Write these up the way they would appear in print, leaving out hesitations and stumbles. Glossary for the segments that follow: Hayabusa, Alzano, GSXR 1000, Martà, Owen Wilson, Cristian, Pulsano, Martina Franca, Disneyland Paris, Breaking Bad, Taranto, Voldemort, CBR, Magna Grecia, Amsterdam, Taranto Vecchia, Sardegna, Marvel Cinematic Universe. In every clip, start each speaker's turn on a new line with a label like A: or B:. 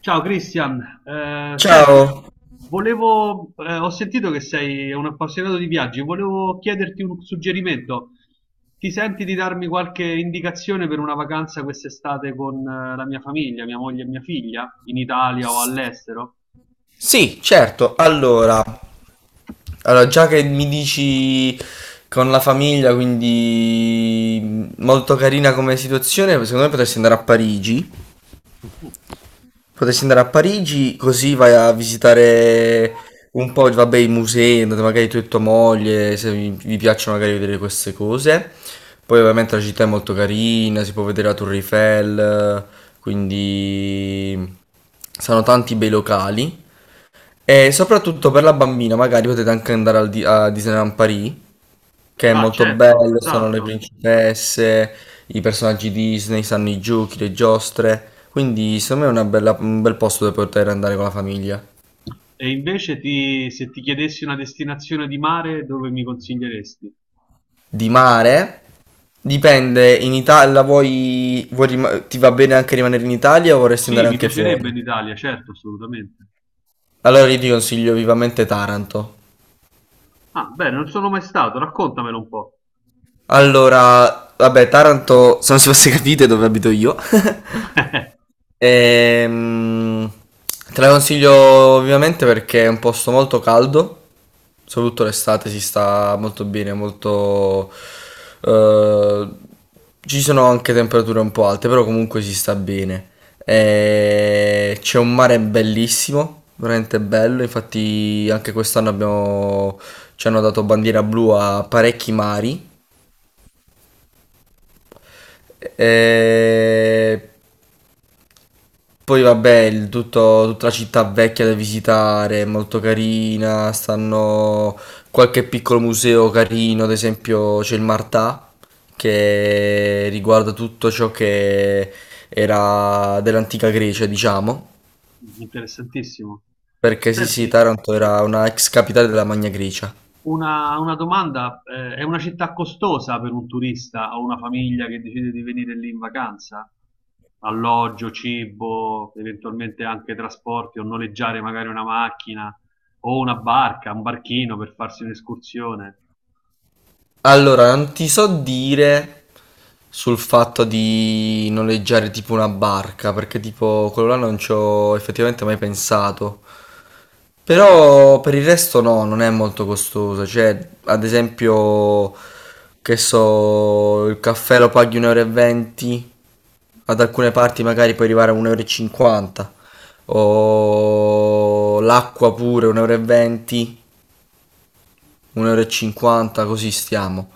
A: Ciao Cristian, senti,
B: Ciao.
A: ho sentito che sei un appassionato di viaggi, volevo chiederti un suggerimento. Ti senti di darmi qualche indicazione per una vacanza quest'estate con la mia famiglia, mia moglie e mia figlia, in Italia o all'estero?
B: Sì, certo. Allora, già che mi dici con la famiglia, quindi molto carina come situazione, secondo me potresti andare a Parigi.
A: Mm.
B: Potresti andare a Parigi così vai a visitare un po', vabbè, i musei, andate magari tu e tua moglie, se vi piacciono magari vedere queste cose. Poi ovviamente la città è molto carina, si può vedere la Torre Eiffel, quindi saranno tanti bei locali. E soprattutto per la bambina, magari potete anche andare a Disneyland Paris, che è
A: Ah,
B: molto
A: certo,
B: bello, stanno le
A: esatto.
B: principesse, i personaggi Disney, stanno i giochi, le giostre. Quindi secondo me è un bel posto dove poter andare con la famiglia.
A: E se ti chiedessi una destinazione di mare, dove mi consiglieresti?
B: Di mare, dipende, in Italia vuoi ti va bene anche rimanere in Italia o vorresti
A: Sì,
B: andare
A: mi
B: anche
A: piacerebbe
B: fuori?
A: in Italia, certo, assolutamente.
B: Allora io ti consiglio vivamente Taranto.
A: Ah, bene, non sono mai stato, raccontamelo un po'.
B: Allora, vabbè, Taranto, so se non si fosse capite dove abito io. Ehm, te la consiglio ovviamente perché è un posto molto caldo, soprattutto l'estate si sta molto bene, eh, ci sono anche temperature un po' alte, però comunque si sta bene. E c'è un mare bellissimo, veramente bello, infatti anche quest'anno ci hanno dato bandiera blu a parecchi mari. E Poi vabbè, tutta la città vecchia da visitare, è molto carina, stanno qualche piccolo museo carino, ad esempio c'è il Martà, che riguarda tutto ciò che era dell'antica Grecia, diciamo,
A: Interessantissimo.
B: perché sì sì,
A: Senti,
B: Taranto era una ex capitale della Magna Grecia.
A: una domanda, è una città costosa per un turista o una famiglia che decide di venire lì in vacanza? Alloggio, cibo, eventualmente anche trasporti o noleggiare magari una macchina o una barca, un barchino per farsi un'escursione.
B: Allora, non ti so dire sul fatto di noleggiare tipo una barca, perché tipo quello là non ci ho effettivamente mai pensato. Però per il resto no, non è molto costoso. Cioè, ad esempio, che so, il caffè lo paghi 1,20 euro, e venti, ad alcune parti magari puoi arrivare a 1,50 euro, e cinquanta, o l'acqua pure 1,20 euro, 1,50 euro, e cinquanta, così stiamo.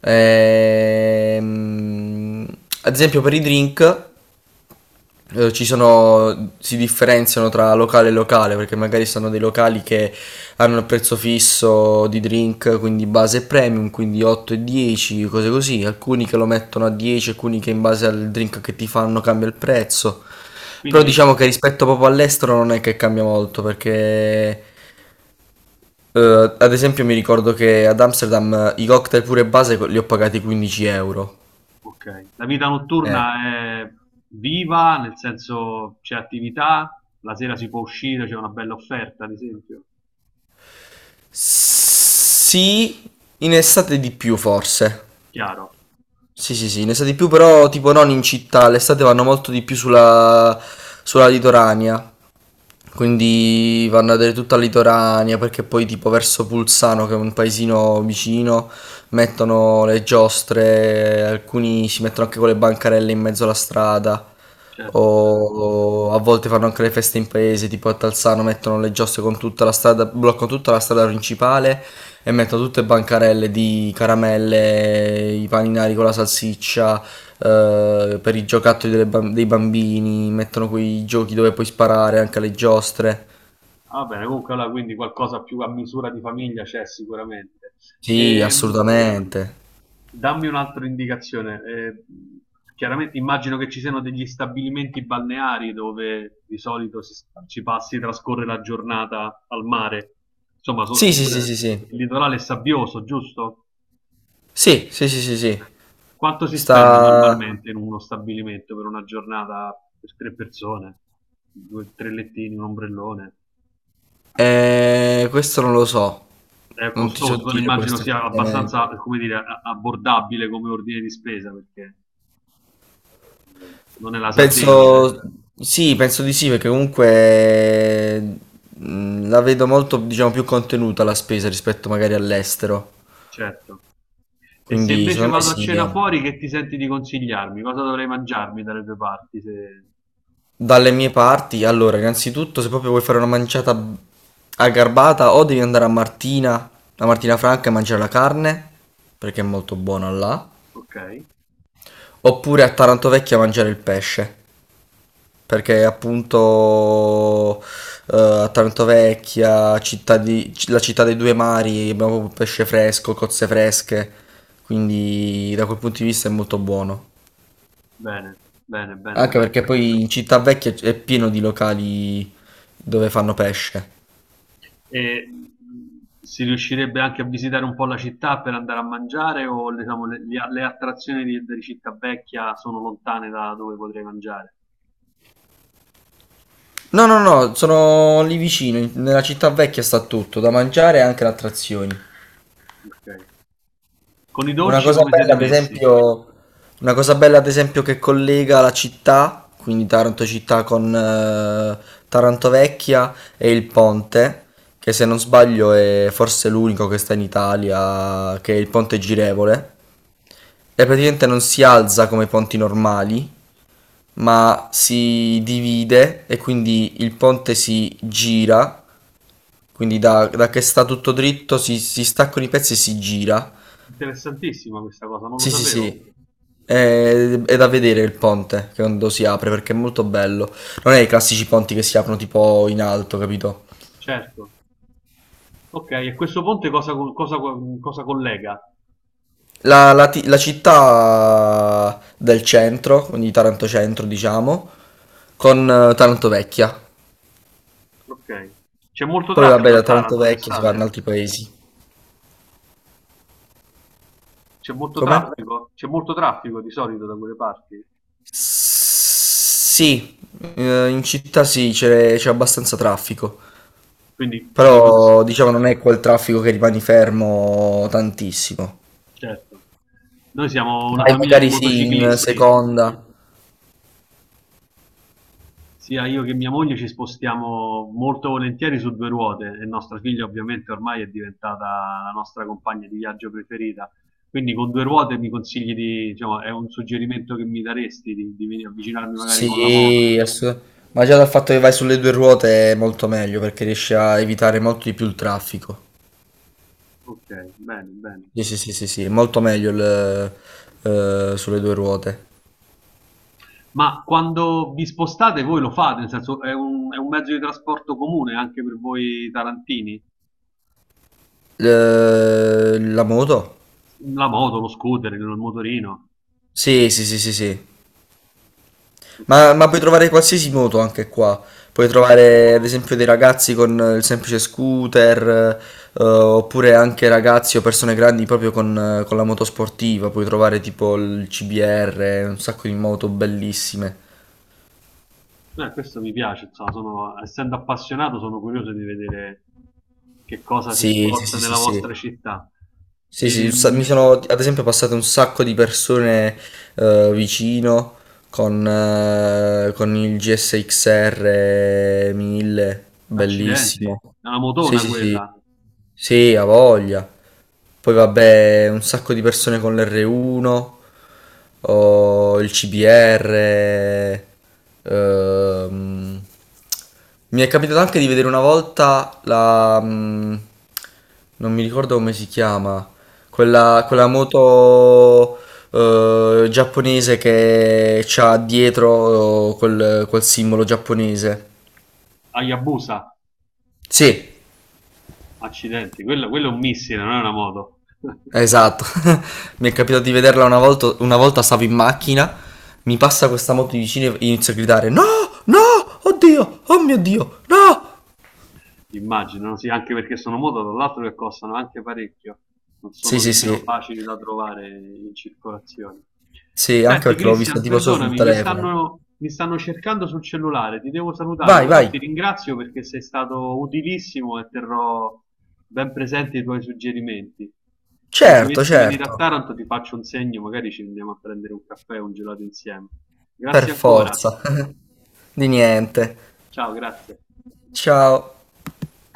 B: Ehm, ad esempio per i drink ci sono, si differenziano tra locale e locale perché magari sono dei locali che hanno un prezzo fisso di drink, quindi base e premium, quindi 8 e 10, cose così. Alcuni che lo mettono a 10, alcuni che in base al drink che ti fanno cambia il prezzo. Però
A: Quindi,
B: diciamo che rispetto proprio all'estero non è che cambia molto perché ad esempio mi ricordo che ad Amsterdam i cocktail pure base li ho pagati 15 euro.
A: ok, la vita
B: Eh.
A: notturna è viva, nel senso c'è attività, la sera si può uscire, c'è una bella offerta, ad esempio.
B: Sì, in estate di più forse.
A: Chiaro,
B: Sì, sì, sì, ne sa di più, però tipo non in città, l'estate vanno molto di più sulla litoranea, quindi vanno a vedere tutta la litoranea, perché poi tipo verso Pulsano, che è un paesino vicino, mettono le giostre, alcuni si mettono anche con le bancarelle in mezzo alla strada,
A: certo.
B: o, o a volte fanno anche le feste in paese, tipo a tal Alzano mettono le giostre con tutta la strada, bloccano tutta la strada principale e mettono tutte bancarelle di caramelle, i paninari con la salsiccia, per i giocattoli dei bambini, mettono quei giochi dove puoi sparare anche alle giostre.
A: Va bene, comunque allora quindi qualcosa più a misura di famiglia c'è sicuramente.
B: Sì,
A: Ehm,
B: assolutamente.
A: dammi un'altra indicazione. Chiaramente immagino che ci siano degli stabilimenti balneari dove di solito ci passi, trascorre la giornata al mare. Insomma,
B: Sì, sì,
A: Sì,
B: sì,
A: sì,
B: sì,
A: sì.
B: sì.
A: Il litorale è sabbioso, giusto?
B: Sì, sì, sì, sì, sì.
A: Quanto si spende
B: Sta...
A: normalmente in uno stabilimento per una giornata per tre persone? Due, tre lettini, un ombrellone?
B: Questo non lo so.
A: È
B: Non ti so
A: costoso, non
B: dire
A: immagino
B: questo
A: sia
B: effettivamente.
A: abbastanza, come dire, abbordabile come ordine di spesa, perché non è la Sardegna,
B: Penso, sì, penso di sì, perché comunque la vedo molto, diciamo, più contenuta la spesa rispetto magari all'estero.
A: certo. E se
B: Quindi,
A: invece
B: secondo me
A: vado a
B: sì,
A: cena
B: eh.
A: fuori, che ti senti di consigliarmi? Cosa dovrei mangiarmi dalle due parti? Se-
B: Dalle mie parti, allora, innanzitutto, se proprio vuoi fare una manciata aggarbata, o devi andare a Martina Franca e mangiare la carne, perché è molto buona là,
A: ok,
B: oppure a Taranto Vecchia a mangiare il pesce. Perché appunto a Taranto Vecchia, la città dei due mari, abbiamo proprio pesce fresco, cozze fresche, quindi da quel punto di vista è molto buono.
A: bene, bene, bene,
B: Anche
A: bene.
B: perché poi in Città Vecchia è pieno di locali dove fanno pesce.
A: E si riuscirebbe anche a visitare un po' la città per andare a mangiare o diciamo, le attrazioni di Città Vecchia sono lontane da dove potrei mangiare?
B: No, no, no, sono lì vicino, nella Città Vecchia sta tutto, da mangiare e anche le attrazioni.
A: Ok. Con i
B: Una
A: dolci
B: cosa
A: come siete
B: bella, ad
A: messi?
B: esempio, una cosa bella, ad esempio, che collega la città, quindi Taranto città con Taranto Vecchia e il ponte, che se non sbaglio è forse l'unico che sta in Italia, che è il ponte girevole. E praticamente non si alza come i ponti normali, ma si divide e quindi il ponte si gira, quindi da che sta tutto dritto si staccano i pezzi e si gira.
A: Interessantissima questa cosa, non lo
B: Sì, sì,
A: sapevo. Mm.
B: sì. È, è da vedere il ponte che quando si apre perché è molto bello. Non è i classici ponti che si aprono tipo in alto, capito?
A: Certo. Ok, e questo ponte cosa collega?
B: La città del centro, quindi Taranto centro, diciamo, con Taranto vecchia.
A: Ok. C'è molto
B: Poi vabbè,
A: traffico a
B: da Taranto
A: Taranto
B: vecchia si va in
A: d'estate?
B: altri paesi. Come?
A: C'è molto traffico di solito da quelle parti?
B: Sì, in città sì, c'è abbastanza traffico.
A: Quindi mi cons-
B: Però diciamo non è quel traffico che rimani fermo tantissimo.
A: Certo. Noi siamo una
B: Vai
A: famiglia di
B: magari sì, in
A: motociclisti.
B: seconda.
A: Sia io che mia moglie ci spostiamo molto volentieri su due ruote e nostra figlia ovviamente ormai è diventata la nostra compagna di viaggio preferita. Quindi con due ruote mi consigli di, diciamo, è un suggerimento che mi daresti di, avvicinarmi magari con la moto?
B: Sì, ma già dal fatto che vai sulle due ruote è molto meglio perché riesci a evitare molto di più il traffico.
A: Ok, bene, bene.
B: Sì, sì, sì, sì, sì, è molto meglio sulle due ruote.
A: Ma quando vi spostate voi lo fate, nel senso è un mezzo di trasporto comune anche per voi tarantini?
B: La moto?
A: La moto, lo scooter, il motorino?
B: Sì, sì, sì, sì, sì.
A: Ok.
B: Ma puoi trovare qualsiasi moto anche qua. Puoi trovare ad esempio dei ragazzi con il semplice scooter, oppure anche ragazzi o persone grandi proprio con la moto sportiva. Puoi trovare tipo il CBR, un sacco di moto bellissime.
A: Questo mi piace, insomma, essendo appassionato sono curioso di vedere che cosa si
B: Sì, sì,
A: sposta
B: sì, sì,
A: nella vostra
B: sì.
A: città.
B: Sì, sì, mi
A: Ehm,
B: sono ad esempio passate un sacco di persone vicino con il GSXR 1000,
A: accidenti,
B: bellissimo.
A: è una
B: Sì,
A: motona
B: sì, sì.
A: quella,
B: Sì, ha voglia. Poi vabbè, un sacco di persone con l'R1, o il CBR. ehm. Mi è capitato anche di vedere una volta non mi ricordo come si chiama, quella moto giapponese che c'ha dietro quel simbolo giapponese.
A: Hayabusa,
B: Sì.
A: accidenti, quello è un missile, non è una moto.
B: Esatto, mi è capitato di vederla una volta stavo in macchina, mi passa questa moto di vicino e inizio a gridare no, no, oddio, oh mio Dio, no!
A: Immaginano, sì, anche perché sono moto, tra l'altro che costano anche parecchio, non
B: Sì,
A: sono
B: sì,
A: nemmeno
B: sì,
A: facili da trovare in circolazione.
B: sì, anche
A: Senti,
B: perché l'ho vista
A: Cristian,
B: tipo solo sul
A: perdonami,
B: telefono.
A: mi stanno cercando sul cellulare, ti devo salutare,
B: Vai,
A: però
B: vai,
A: ti ringrazio perché sei stato utilissimo e terrò ben presenti i tuoi suggerimenti. Se
B: certo,
A: dovessi venire a
B: certo,
A: Taranto ti faccio un segno, magari ci andiamo a prendere un caffè o un gelato insieme.
B: per
A: Grazie ancora.
B: forza. Di niente.
A: Ciao, grazie.
B: Ciao.